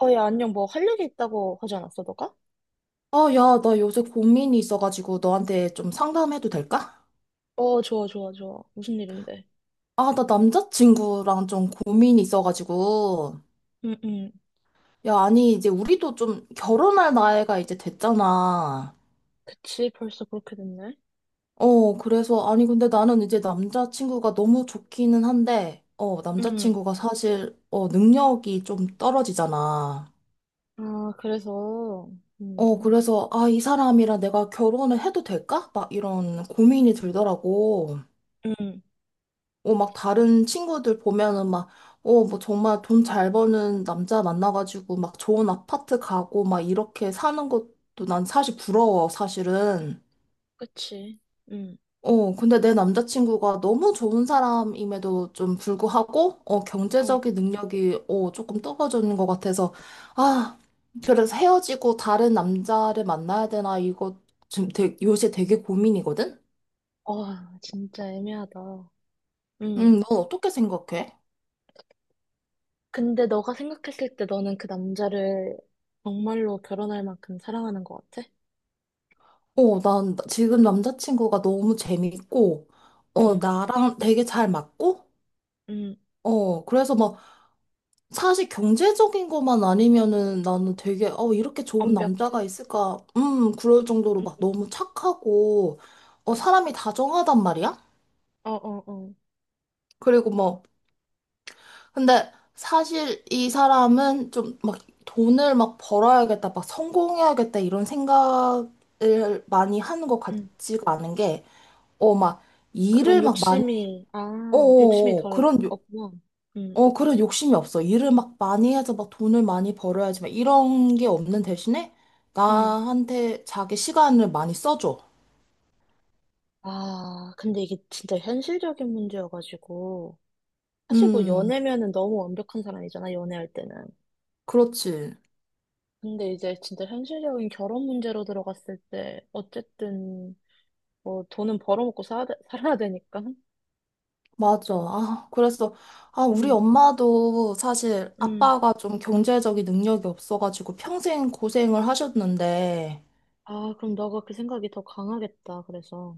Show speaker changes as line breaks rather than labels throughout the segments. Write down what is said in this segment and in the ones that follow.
어, 야, 안녕. 뭐 할 일이 있다고 하지 않았어, 너가?
아, 야, 나 요새 고민이 있어가지고 너한테 좀 상담해도 될까?
어, 좋아, 좋아, 좋아. 무슨 일인데?
아, 나 남자친구랑 좀 고민이 있어가지고.
응, 응.
야, 아니, 이제 우리도 좀 결혼할 나이가 이제 됐잖아.
그치, 벌써 그렇게 됐네.
그래서, 아니, 근데 나는 이제 남자친구가 너무 좋기는 한데,
응.
남자친구가 사실, 능력이 좀 떨어지잖아.
아, 그래서, 이구나.
그래서, 아, 이 사람이랑 내가 결혼을 해도 될까? 막 이런 고민이 들더라고.
응,
막 다른 친구들 보면은 막, 뭐 정말 돈 잘 버는 남자 만나가지고 막 좋은 아파트 가고 막 이렇게 사는 것도 난 사실 부러워, 사실은.
그치. 응.
근데 내 남자친구가 너무 좋은 사람임에도 좀 불구하고,
어.
경제적인 능력이, 조금 떨어지는 것 같아서, 아, 그래서 헤어지고 다른 남자를 만나야 되나, 이거 지금 요새 되게 고민이거든?
와, 진짜 애매하다. 응.
응, 넌 어떻게 생각해?
근데 너가 생각했을 때 너는 그 남자를 정말로 결혼할 만큼 사랑하는 것 같아?
지금 남자친구가 너무 재밌고,
응,
나랑 되게 잘 맞고,
응.
그래서 막, 사실 경제적인 것만 아니면은 나는 되게, 이렇게 좋은 남자가
완벽해?
있을까, 그럴 정도로 막
응.
너무 착하고, 사람이 다정하단 말이야?
어, 어, 어.
그리고 뭐, 근데 사실 이 사람은 좀 막 돈을 막 벌어야겠다, 막 성공해야겠다, 이런 생각을 많이 하는 것
응.
같지가 않은 게, 막,
그런
일을 막 많이
욕심이, 아, 욕심이
어어어,
덜
그런, 욕-
없구나.
그런 욕심이 없어. 일을 막 많이 해서 막 돈을 많이 벌어야지, 막 이런 게 없는 대신에
응,
나한테 자기 시간을 많이 써줘.
아, 근데 이게 진짜 현실적인 문제여가지고. 사실 뭐
음,
연애면은 너무 완벽한 사람이잖아, 연애할 때는.
그렇지.
근데 이제 진짜 현실적인 결혼 문제로 들어갔을 때, 어쨌든, 뭐 돈은 벌어먹고 살아야 되니까.
맞아. 아, 그래서, 아, 우리
음,
엄마도 사실
음.
아빠가 좀 경제적인 능력이 없어가지고 평생 고생을 하셨는데,
아, 그럼 너가 그 생각이 더 강하겠다, 그래서.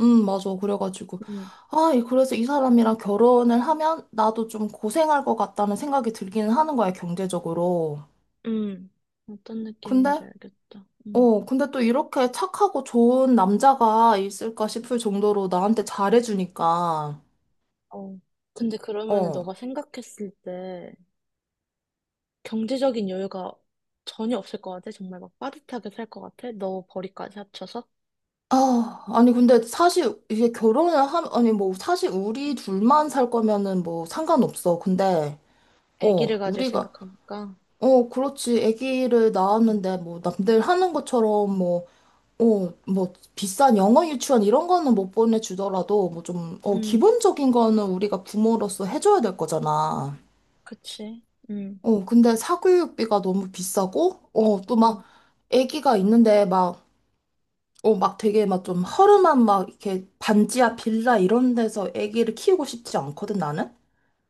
맞아. 그래가지고,
음,
그래서 이 사람이랑 결혼을 하면 나도 좀 고생할 것 같다는 생각이 들기는 하는 거야, 경제적으로.
응. 어떤
근데,
느낌인지 알겠다.
근데 또 이렇게 착하고 좋은 남자가 있을까 싶을 정도로 나한테 잘해주니까,
어. 근데 그러면은
어.
너가 생각했을 때, 경제적인 여유가 전혀 없을 것 같아. 정말 막 빠듯하게 살 것 같아. 너 벌이까지 합쳐서
아, 아니, 근데 사실 이게 결혼을 아니, 뭐, 사실 우리 둘만 살 거면은 뭐 상관없어. 근데,
아기를 가질
우리가,
생각하니까.
그렇지. 아기를
음,
낳았는데 뭐 남들 하는 것처럼 뭐, 비싼 영어 유치원 이런 거는 못 보내주더라도 뭐 좀,
음,
기본적인 거는 우리가 부모로서 해줘야 될 거잖아.
그치.
근데 사교육비가 너무 비싸고, 또
음,
막, 애기가 있는데 막, 막 되게 막 좀 허름한 막 이렇게 반지하 빌라 이런 데서 애기를 키우고 싶지 않거든, 나는?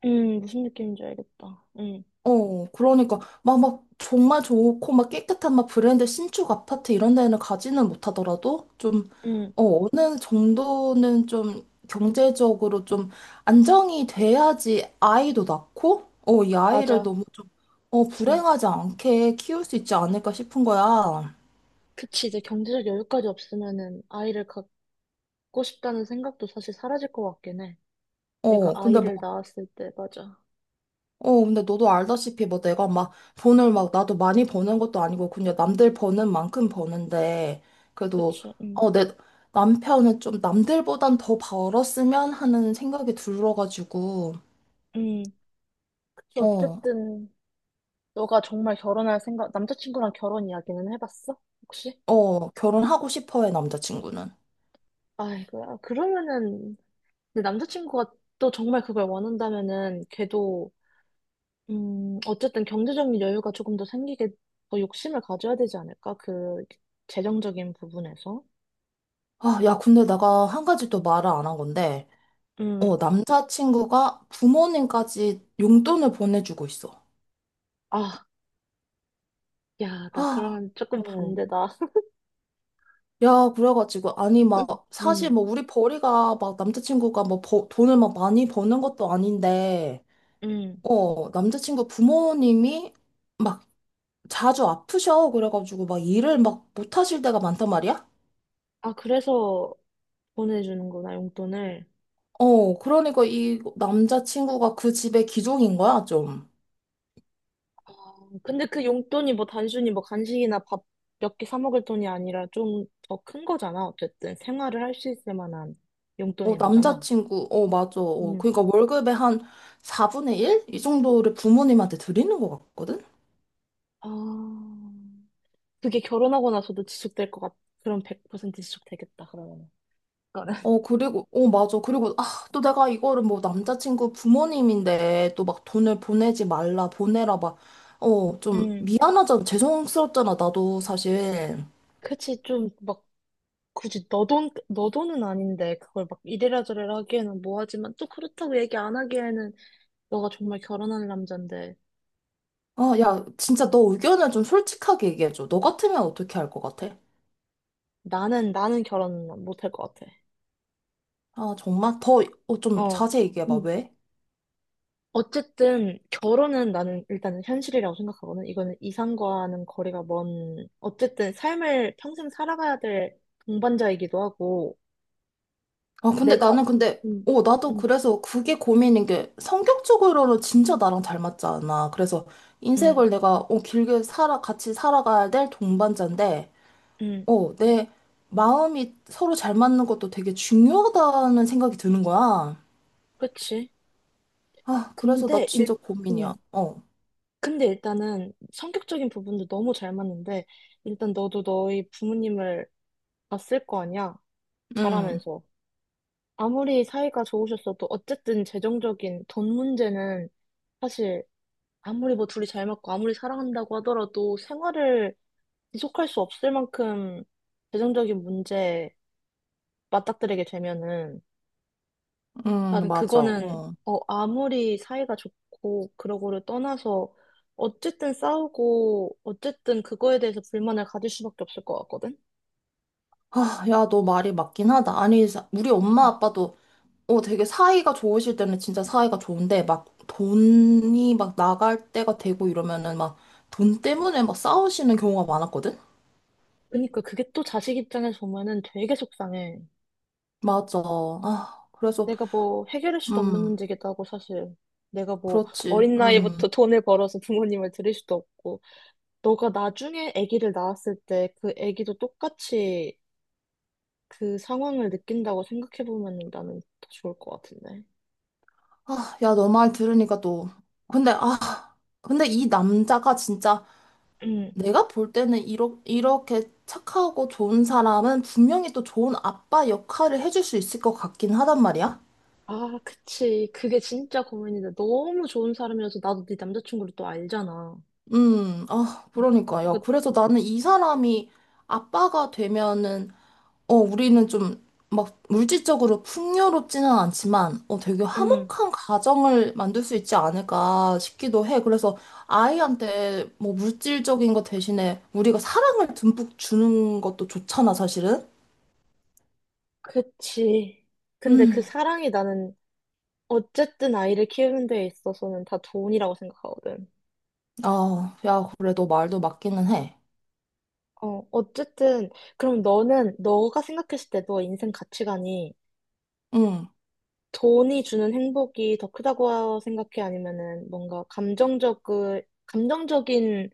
무슨 느낌인지 알겠다.
그러니까 막 막 정말 좋고 막 깨끗한 막 브랜드 신축 아파트 이런 데는 가지는 못하더라도 좀
음,
어느 정도는 좀 경제적으로 좀 안정이 돼야지 아이도 낳고 이 아이를
맞아.
너무 좀
음,
불행하지 않게 키울 수 있지 않을까 싶은 거야.
그치. 이제 경제적 여유까지 없으면은 아이를 갖고 싶다는 생각도 사실 사라질 것 같긴 해. 내가
어, 근데
아이를 낳았을 때, 맞아.
근데 너도 알다시피 뭐 내가 막 돈을 막 나도 많이 버는 것도 아니고 그냥 남들 버는 만큼 버는데 그래도
그치.
내 남편은 좀 남들보단 더 벌었으면 하는 생각이 들어가지고
음, 그치.
어,
어쨌든 너가 정말 결혼할 생각, 남자친구랑 결혼 이야기는 해봤어? 혹시?
결혼하고 싶어 해 남자친구는.
아이고야. 그러면은, 근데 남자친구가 또 정말 그걸 원한다면은, 걔도, 어쨌든 경제적인 여유가 조금 더 생기게 더 욕심을 가져야 되지 않을까? 그, 재정적인 부분에서.
아, 야, 근데 내가 한 가지 또 말을 안 한 건데
음.
남자친구가 부모님까지 용돈을 보내주고 있어.
아, 야, 나
아,
그러면 조금
어.
반대다.
야, 그래가지고, 아니, 막, 사실
음,
뭐, 우리 벌이가 막, 남자친구가 뭐, 돈을 막 많이 버는 것도 아닌데,
음.
남자친구 부모님이 막, 자주 아프셔. 그래가지고, 막, 일을 막, 못하실 때가 많단 말이야?
아, 그래서 보내주는구나, 용돈을.
그러니까 이 남자친구가 그 집의 기종인 거야, 좀.
어, 근데 그 용돈이 뭐 단순히 뭐 간식이나 밥 몇 개 사 먹을 돈이 아니라 좀 더 큰 거잖아. 어쨌든 생활을 할 수 있을 만한 용돈인 거잖아.
맞아.
음.
그러니까 월급의 한 4분의 1? 이 정도를 부모님한테 드리는 것 같거든?
아, 그게 결혼하고 나서도 그럼 100% 지속되겠다, 그러면. 그거는.
그리고, 맞아. 그리고, 아, 또 내가 이거를 뭐 남자친구 부모님인데 또 막 돈을 보내지 말라, 보내라, 막, 좀
음.
미안하잖아. 죄송스럽잖아, 나도 사실.
그치, 좀, 막, 굳이 너 돈, 너 돈은 아닌데, 그걸 막 이래라 저래라 하기에는 뭐하지만, 또 그렇다고 얘기 안 하기에는, 너가 정말 결혼할 남잔데,
아, 야, 진짜 너 의견을 좀 솔직하게 얘기해줘. 너 같으면 어떻게 할 것 같아?
나는 결혼 못할 것 같아.
아, 정말? 좀
어.
자세히 얘기해봐,
음.
왜?
어쨌든, 결혼은 나는 일단은 현실이라고 생각하거든. 이거는 이상과는 거리가 먼, 어쨌든 삶을 평생 살아가야 될 동반자이기도 하고,
아, 근데
내가,
나는 근데,
음,
나도
음,
그래서 그게 고민인 게 성격적으로는 진짜 나랑 잘 맞지 않아. 그래서
음,
인생을 내가, 같이 살아가야 될 동반자인데,
음,
내 마음이 서로 잘 맞는 것도 되게 중요하다는 생각이 드는 거야.
그치.
아, 그래서 나
근데 일,
진짜
음,
고민이야.
근데 일단은 성격적인 부분도 너무 잘 맞는데, 일단 너도 너희 부모님을 봤을 거 아니야?
응,
자라면서. 아무리 사이가 좋으셨어도 어쨌든 재정적인 돈 문제는 사실 아무리 뭐 둘이 잘 맞고 아무리 사랑한다고 하더라도 생활을 지속할 수 없을 만큼 재정적인 문제에 맞닥뜨리게 되면은
응,
나는
맞아.
그거는
어.
어, 아무리 사이가 좋고 그러고를 떠나서 어쨌든 싸우고 어쨌든 그거에 대해서 불만을 가질 수밖에 없을 것 같거든.
아, 야, 너 말이 맞긴 하다. 아니, 우리 엄마 아빠도 되게 사이가 좋으실 때는 진짜 사이가 좋은데 막 돈이 막 나갈 때가 되고 이러면은 막 돈 때문에 막 싸우시는 경우가 많았거든?
그러니까 그게 또 자식 입장에서 보면은 되게 속상해.
맞아. 아, 그래서,
내가 뭐 해결할 수도 없는
음,
문제기도 하고 사실 내가 뭐
그렇지.
어린
음.
나이부터 돈을 벌어서 부모님을 드릴 수도 없고 너가 나중에 아기를 낳았을 때 그 아기도 똑같이 그 상황을 느낀다고 생각해 보면은 나는 더 좋을 것 같은데.
아, 야, 너 말 들으니까 또. 근데, 아, 근데 이 남자가 진짜 내가 볼 때는 이렇게 착하고 좋은 사람은 분명히 또 좋은 아빠 역할을 해줄 수 있을 것 같긴 하단 말이야.
아, 그치. 그게 진짜 고민인데 너무 좋은 사람이어서 나도 네 남자친구를 또 알잖아.
아, 그러니까. 야,
그러니까,
그래서 나는 이 사람이 아빠가 되면은 우리는 좀 막 물질적으로 풍요롭지는 않지만, 되게
음,
화목한 가정을 만들 수 있지 않을까 싶기도 해. 그래서 아이한테 뭐 물질적인 것 대신에 우리가 사랑을 듬뿍 주는 것도 좋잖아, 사실은.
그치. 근데 그
음,
사랑이 나는 어쨌든 아이를 키우는 데 있어서는 다 돈이라고 생각하거든.
아, 야, 그래, 너 말도 맞기는 해.
어, 어쨌든 그럼 너는 너가 생각했을 때 너의 인생 가치관이
음,
돈이 주는 행복이 더 크다고 생각해? 아니면은 뭔가 감정적, 감정적인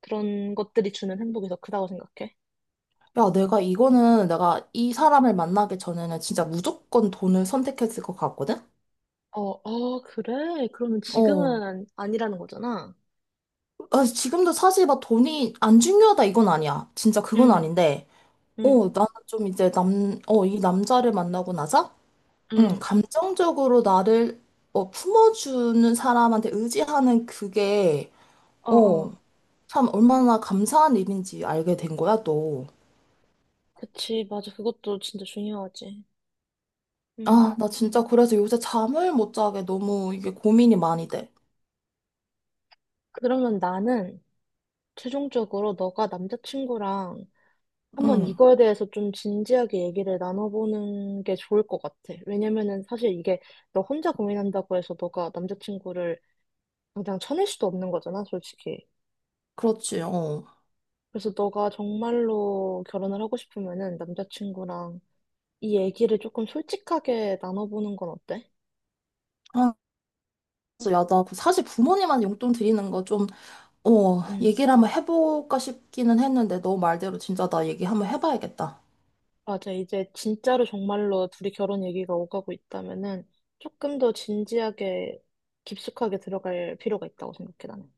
그런 것들이 주는 행복이 더 크다고 생각해?
야, 내가 이거는 내가 이 사람을 만나기 전에는 진짜 무조건 돈을 선택했을 것 같거든?
어, 어, 그래? 그러면
어,
지금은 아니라는 거잖아.
아, 지금도 사실 막 돈이 안 중요하다 이건 아니야. 진짜 그건
응,
아닌데.
응,
나는 좀 이제 이 남자를 만나고 나서, 응,
응.
감정적으로 나를, 품어주는 사람한테 의지하는 그게,
어,
어,
어.
참 얼마나 감사한 일인지 알게 된 거야, 또.
그치, 맞아. 그것도 진짜 중요하지. 응.
아, 나 진짜 그래서 요새 잠을 못 자게 너무 이게 고민이 많이 돼.
그러면 나는 최종적으로 너가 남자친구랑 한번
응,
이거에 대해서 좀 진지하게 얘기를 나눠보는 게 좋을 것 같아. 왜냐면은 사실 이게 너 혼자 고민한다고 해서 너가 남자친구를 당장 쳐낼 수도 없는 거잖아, 솔직히.
그렇지, 어.
그래서 너가 정말로 결혼을 하고 싶으면은 남자친구랑 이 얘기를 조금 솔직하게 나눠보는 건 어때?
아, 그래서 야, 나그 사실 부모님한테 용돈 드리는 거 좀,
음,
얘기를 한번 해볼까 싶기는 했는데, 너 말대로 진짜 나 얘기 한번 해봐야겠다.
맞아. 이제 진짜로 정말로 둘이 결혼 얘기가 오가고 있다면은 조금 더 진지하게 깊숙하게 들어갈 필요가 있다고 생각해, 나는.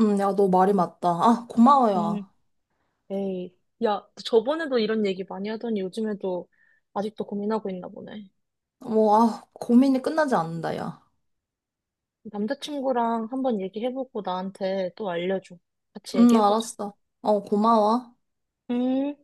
야, 너 말이 맞다. 아, 고마워, 야.
음, 에이. 야, 너 저번에도 이런 얘기 많이 하더니 요즘에도 아직도 고민하고 있나 보네.
뭐, 아, 고민이 끝나지 않는다, 야.
남자친구랑 한번 얘기해보고 나한테 또 알려줘. 같이 얘기해보자.
알았어. 고마워.
음.